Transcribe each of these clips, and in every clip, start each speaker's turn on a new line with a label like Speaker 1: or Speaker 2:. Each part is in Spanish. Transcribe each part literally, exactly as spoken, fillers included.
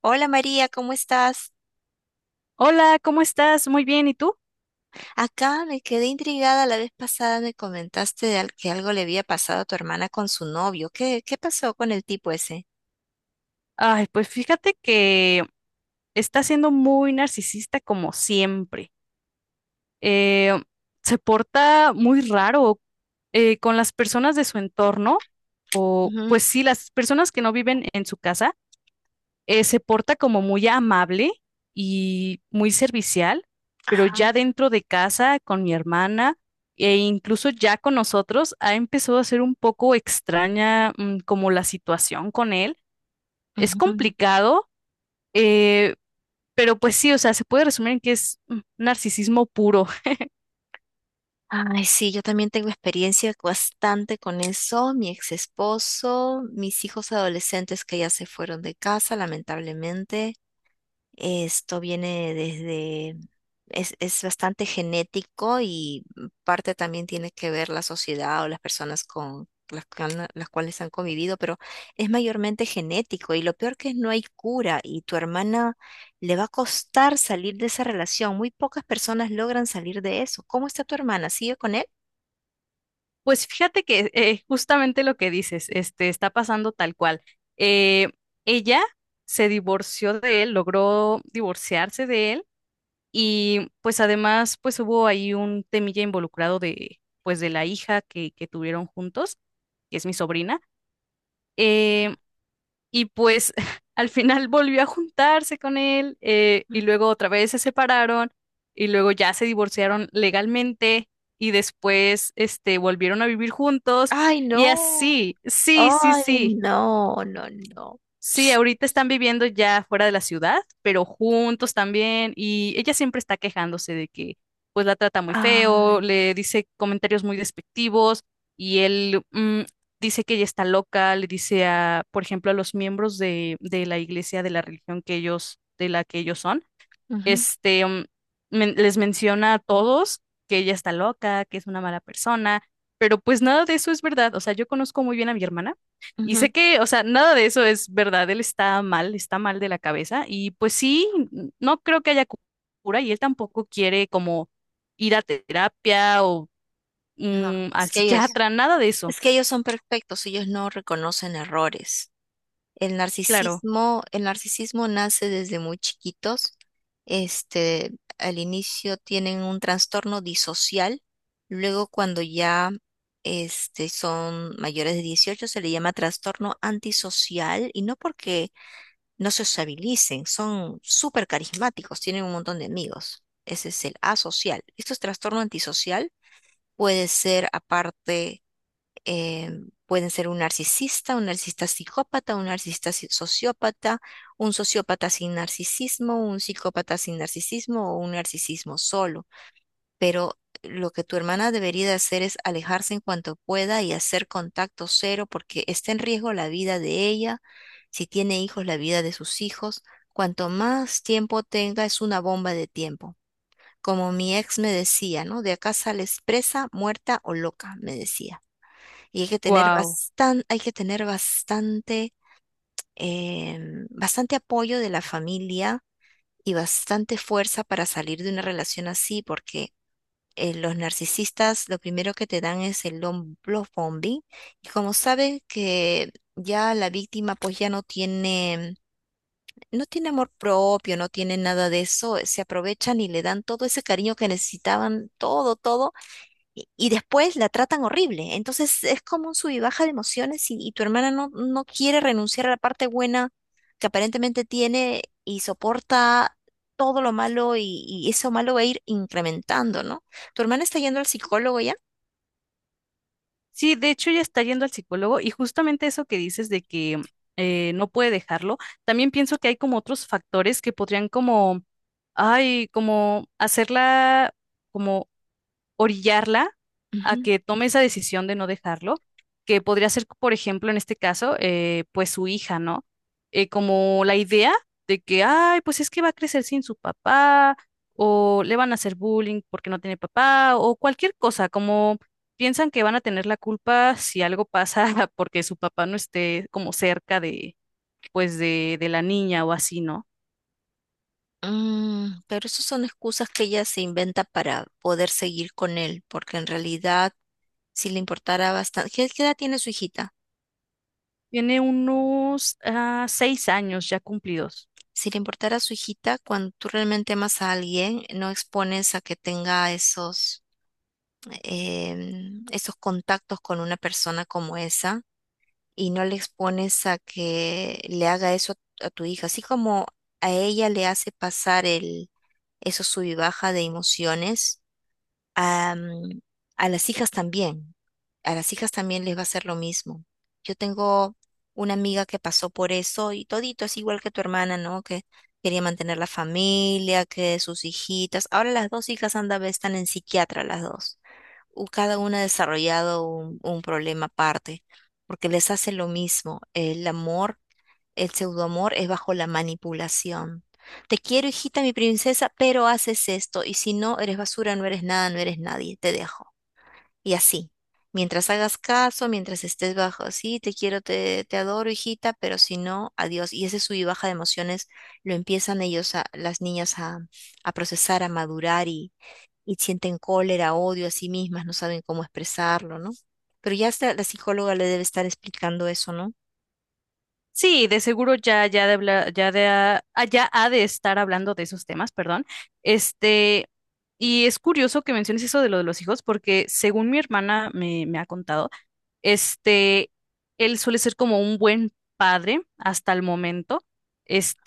Speaker 1: Hola María, ¿cómo estás?
Speaker 2: Hola, ¿cómo estás? Muy bien, ¿y tú?
Speaker 1: Acá me quedé intrigada la vez pasada, me comentaste de al- que algo le había pasado a tu hermana con su novio. ¿Qué, qué pasó con el tipo ese?
Speaker 2: Ay, pues fíjate que está siendo muy narcisista como siempre. Eh, Se porta muy raro eh, con las personas de su entorno, o
Speaker 1: Ujú.
Speaker 2: pues sí, las personas que no viven en su casa, eh, se porta como muy amable y muy servicial, pero
Speaker 1: Ajá.
Speaker 2: ya dentro de casa, con mi hermana e incluso ya con nosotros, ha empezado a ser un poco extraña, mm, como la situación con él es
Speaker 1: Ujú.
Speaker 2: complicado, eh, pero pues sí, o sea, se puede resumir en que es mm, narcisismo puro.
Speaker 1: Ay, sí, yo también tengo experiencia bastante con eso. Mi ex esposo, mis hijos adolescentes que ya se fueron de casa, lamentablemente. Esto viene desde, es, es bastante genético y parte también tiene que ver la sociedad o las personas con las, que han- las cuales han convivido, pero es mayormente genético y lo peor que es no hay cura y tu hermana le va a costar salir de esa relación. Muy pocas personas logran salir de eso. ¿Cómo está tu hermana? ¿Sigue con él?
Speaker 2: Pues fíjate que eh, justamente lo que dices, este, está pasando tal cual. Eh, Ella se divorció de él, logró divorciarse de él y pues además pues hubo ahí un temilla involucrado de pues de la hija que, que tuvieron juntos, que es mi sobrina. Em, Y pues al final volvió a juntarse con él, eh, y
Speaker 1: Mm.
Speaker 2: luego otra vez se separaron y luego ya se divorciaron legalmente y después este, volvieron a vivir juntos
Speaker 1: Ay,
Speaker 2: y
Speaker 1: no.
Speaker 2: así, sí, sí,
Speaker 1: Ay,
Speaker 2: sí.
Speaker 1: no, no, no.
Speaker 2: Sí, ahorita están viviendo ya fuera de la ciudad, pero juntos también, y ella siempre está quejándose de que pues la trata muy
Speaker 1: Ah,
Speaker 2: feo, le dice comentarios muy despectivos, y él mm, dice que ella está loca, le dice a, por ejemplo, a los miembros de, de la iglesia, de la religión que ellos, de la que ellos son
Speaker 1: ujú,
Speaker 2: este, mm, men- les menciona a todos que ella está loca, que es una mala persona, pero pues nada de eso es verdad. O sea, yo conozco muy bien a mi hermana y sé
Speaker 1: ujú.
Speaker 2: que, o sea, nada de eso es verdad. Él está mal, está mal de la cabeza y pues sí, n- no creo que haya cu- cura y él tampoco quiere como ir a terapia o
Speaker 1: No,
Speaker 2: mm, al
Speaker 1: es que ellos…
Speaker 2: psiquiatra, nada de eso.
Speaker 1: Es que ellos son perfectos, ellos no reconocen errores. El
Speaker 2: Claro,
Speaker 1: narcisismo, el narcisismo nace desde muy chiquitos. Este, al inicio tienen un trastorno disocial, luego cuando ya este, son mayores de dieciocho se le llama trastorno antisocial y no porque no se sociabilicen, son súper carismáticos, tienen un montón de amigos. Ese es el asocial. Esto es trastorno antisocial, puede ser aparte eh, pueden ser un narcisista, un narcisista psicópata, un narcisista si- sociópata, un sociópata sin narcisismo, un psicópata sin narcisismo o un narcisismo solo. Pero lo que tu hermana debería de hacer es alejarse en cuanto pueda y hacer contacto cero porque está en riesgo la vida de ella, si tiene hijos, la vida de sus hijos. Cuanto más tiempo tenga, es una bomba de tiempo. Como mi ex me decía, ¿no? De acá sales presa, muerta o loca, me decía. Y hay que tener
Speaker 2: wow.
Speaker 1: bastante hay que tener bastante, em, bastante apoyo de la familia y bastante fuerza para salir de una relación así, porque eh, los narcisistas lo primero que te dan es el lom- love bombing. Y como saben que ya la víctima pues ya no tiene, no tiene amor propio, no tiene nada de eso, se aprovechan y le dan todo ese cariño que necesitaban, todo, todo y y después la tratan horrible. Entonces es como un sub y baja de emociones y, y tu hermana no, no quiere renunciar a la parte buena que aparentemente tiene y soporta todo lo malo y, y eso malo va a ir incrementando, ¿no? Tu hermana está yendo al psicólogo ya.
Speaker 2: Sí, de hecho ya está yendo al psicólogo y justamente eso que dices de que eh, no puede dejarlo, también pienso que hay como otros factores que podrían como, ay, como hacerla, como orillarla a
Speaker 1: Ujú.
Speaker 2: que tome esa decisión de no dejarlo, que podría ser, por ejemplo, en este caso, eh, pues su hija, ¿no? Eh, como la idea de que, ay, pues es que va a crecer sin su papá, o le van a hacer bullying porque no tiene papá, o cualquier cosa, como piensan que van a tener la culpa si algo pasa porque su papá no esté como cerca de, pues, de, de la niña o así, ¿no?
Speaker 1: Mm, pero eso son excusas que ella se inventa para poder seguir con él, porque en realidad si le importara bastante, ¿qué qué edad tiene su hijita?
Speaker 2: Tiene unos ah, seis años ya cumplidos.
Speaker 1: Si le importara a su hijita, cuando tú realmente amas a alguien, no expones a que tenga esos, em, esos contactos con una persona como esa y no le expones a que le haga eso a, a tu hija. Así como a ella le hace pasar el, esos sub y baja de emociones am, a las hijas también, a las hijas también les va a hacer lo mismo. Yo tengo una amiga que pasó por eso y todito es igual que tu hermana, ¿no? Que quería mantener la familia, que sus hijitas. Ahora las dos hijas anda, ve, están en psiquiatra las dos. U- Cada una ha desarrollado un, un problema aparte, porque les hace lo mismo. El amor el pseudoamor es bajo la manipulación. Te quiero, hijita, mi princesa, pero haces esto, y si no, eres basura, no eres nada, no eres nadie, te dejo. Y así. Mientras hagas caso, mientras estés bajo, sí, te quiero, te, te adoro, hijita, pero si no, adiós. Y ese sub y baja de emociones lo empiezan ellos, a, las niñas, a, a procesar, a madurar y, y sienten cólera, odio a sí mismas, no saben cómo expresarlo, ¿no? Pero ya hasta la psicóloga le debe estar explicando eso, ¿no?
Speaker 2: Sí, de seguro ya, ya de hablar, ya de, ah, ya ha de estar hablando de esos temas, perdón. Este, y es curioso que menciones eso de lo de los hijos, porque según mi hermana me, me ha contado, este, él suele ser como un buen padre hasta el momento.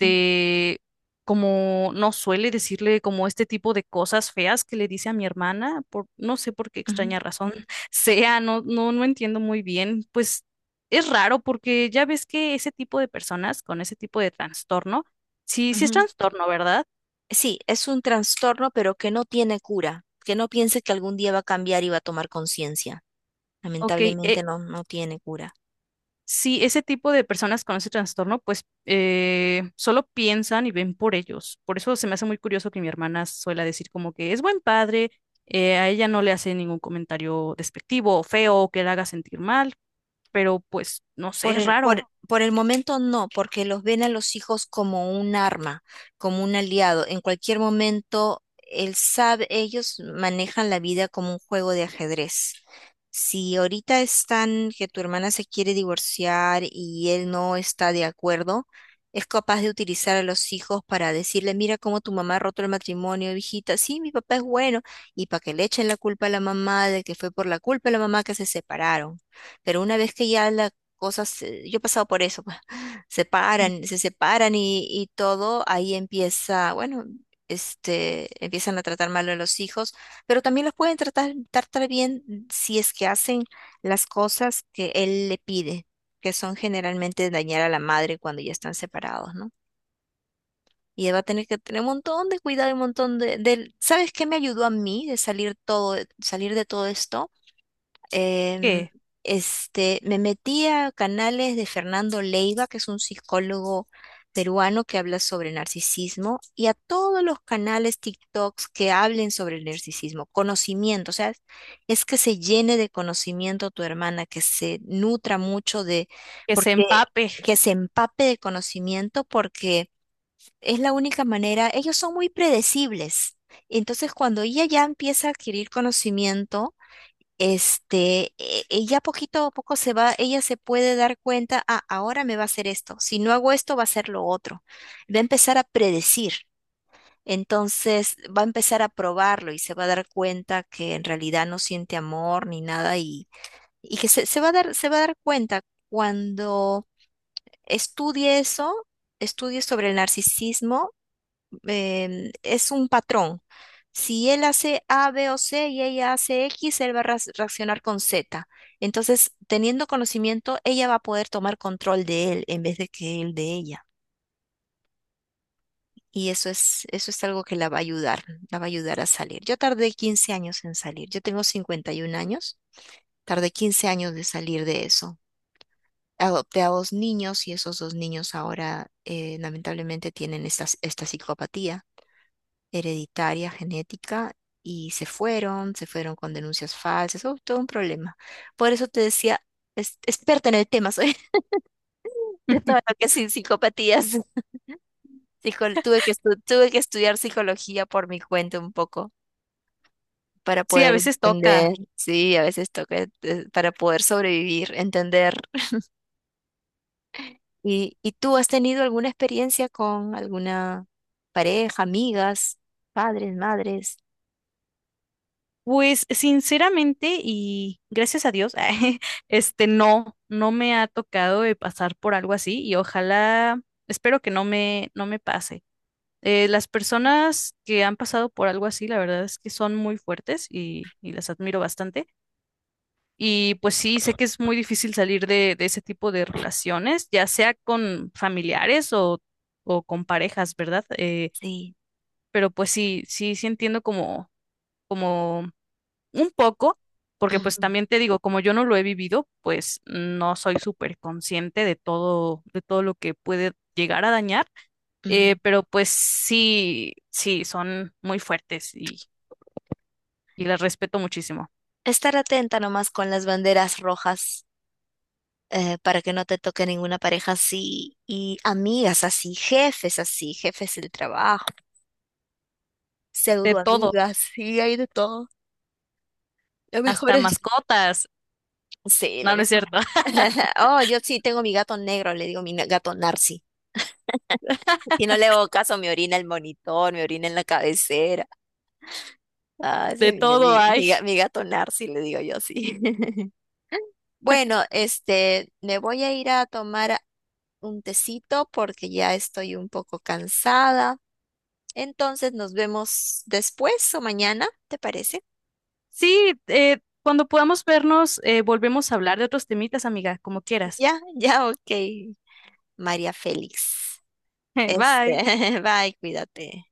Speaker 1: Ujú,
Speaker 2: como no suele decirle como este tipo de cosas feas que le dice a mi hermana, por no sé por qué
Speaker 1: ujú,
Speaker 2: extraña razón sea, no, no, no entiendo muy bien. Pues es raro porque ya ves que ese tipo de personas con ese tipo de trastorno, sí, sí es
Speaker 1: ujú.
Speaker 2: trastorno, ¿verdad?
Speaker 1: Sí, es un trastorno, pero que no tiene cura, que no piense que algún día va a cambiar y va a tomar conciencia.
Speaker 2: Ok, e-
Speaker 1: Lamentablemente no, no tiene cura.
Speaker 2: si ese tipo de personas con ese trastorno, pues eh, solo piensan y ven por ellos. Por eso se me hace muy curioso que mi hermana suela decir como que es buen padre, eh, a ella no le hace ningún comentario despectivo o feo o que la haga sentir mal, pero pues no sé,
Speaker 1: Por
Speaker 2: es
Speaker 1: el,
Speaker 2: raro
Speaker 1: por, por el momento no, porque los ven a los hijos como un arma, como un aliado. En cualquier momento, él sabe, ellos manejan la vida como un juego de ajedrez. Si ahorita están que tu hermana se quiere divorciar y él no está de acuerdo, es capaz de utilizar a los hijos para decirle, mira cómo tu mamá ha roto el matrimonio, hijita, sí, mi papá es bueno, y para que le echen la culpa a la mamá de que fue por la culpa de la mamá que se separaron. Pero una vez que ya la cosas, eh, yo he pasado por eso, pues, se paran, se separan y, y todo, ahí empieza, bueno, este, empiezan a tratar mal a los hijos, pero también los pueden tratar, tratar bien mm, si es que hacen las cosas que él le pide, que son generalmente dañar a la madre cuando ya están separados, ¿no? Y él va a tener que tener un montón de cuidado y un montón de, de… ¿Sabes qué me ayudó a mí de salir todo, salir de todo esto? Em,
Speaker 2: que,
Speaker 1: este, me metí a canales de Fernando Leiva, que es un psicólogo peruano que habla sobre narcisismo, y a todos los canales TikToks que hablen sobre el narcisismo, conocimiento, o sea, es que se llene de conocimiento tu hermana, que se nutra mucho de,
Speaker 2: que se
Speaker 1: porque,
Speaker 2: empape.
Speaker 1: que se empape de conocimiento, porque es la única manera, ellos son muy predecibles. Entonces, cuando ella ya empieza a adquirir conocimiento, este, e- ella poquito a poco se va, ella se puede dar cuenta, ah, ahora me va a hacer esto, si no hago esto va a ser lo otro. Va a empezar a predecir, entonces va a empezar a probarlo y se va a dar cuenta que en realidad no siente amor ni nada y, y que se, se va a dar, se va a dar cuenta cuando estudie eso, estudie sobre el narcisismo em, es un patrón. Si él hace A, B o C y ella hace X, él va a reac- reaccionar con Z. Entonces, teniendo conocimiento, ella va a poder tomar control de él en vez de que él de ella. Y eso es, eso es algo que la va a ayudar, la va a ayudar a salir. Yo tardé quince años en salir. Yo tengo cincuenta y uno años. Tardé quince años de salir de eso. Adopté a dos niños y esos dos niños ahora eh, lamentablemente tienen estas- esta psicopatía hereditaria, genética, y se fueron, se fueron con denuncias falsas, oh, todo un problema. Por eso te decía, es, experta en el tema, soy de todo lo que es psicopatías. Psico- tuve que estu- tuve que estudiar psicología por mi cuenta un poco para
Speaker 2: Sí, a
Speaker 1: poder
Speaker 2: veces toca.
Speaker 1: entender, sí, a veces toca, eh, para poder sobrevivir, entender. ¿Y, y tú has tenido alguna experiencia con alguna pareja, amigas, padres, madres?
Speaker 2: Pues sinceramente y gracias a Dios, este no, no me ha tocado de pasar por algo así y ojalá, espero que no me, no me pase. Eh, las personas que han pasado por algo así, la verdad es que son muy fuertes y, y las admiro bastante. Y pues sí, sé que es muy difícil salir de, de ese tipo de relaciones, ya sea con familiares o, o con parejas, ¿verdad? Eh,
Speaker 1: Sí.
Speaker 2: pero pues sí, sí, sí entiendo como, como un poco, porque pues
Speaker 1: Ujú,
Speaker 2: también te digo, como yo no lo he vivido, pues no soy súper consciente de todo, de todo lo que puede llegar a dañar. Eh,
Speaker 1: ujú.
Speaker 2: pero pues sí, sí, son muy fuertes y, y las respeto muchísimo.
Speaker 1: Estar atenta nomás con las banderas rojas eh, para que no te toque ninguna pareja así y amigas así, jefes así, jefes del trabajo,
Speaker 2: De
Speaker 1: pseudo
Speaker 2: todo,
Speaker 1: amigas, sí, hay de todo. Lo mejor
Speaker 2: hasta
Speaker 1: es…
Speaker 2: mascotas.
Speaker 1: Sí, lo
Speaker 2: No, no es
Speaker 1: mejor.
Speaker 2: cierto.
Speaker 1: Oh, yo sí tengo mi gato negro, le digo mi na- gato Narci. Si no le hago caso, me orina el monitor, me orina en la cabecera. Ah,
Speaker 2: De
Speaker 1: ese es mi,
Speaker 2: todo
Speaker 1: mi-
Speaker 2: hay.
Speaker 1: mi ga- mi gato Narci, le digo yo sí. Bueno, este, me voy a ir a tomar un tecito porque ya estoy un poco cansada. Entonces nos vemos después o mañana, ¿te parece?
Speaker 2: Sí, eh, cuando podamos vernos, eh, volvemos a hablar de otros temitas, amiga, como quieras.
Speaker 1: Ya, ya, ok, María Félix. Este,
Speaker 2: Bye.
Speaker 1: bye, cuídate.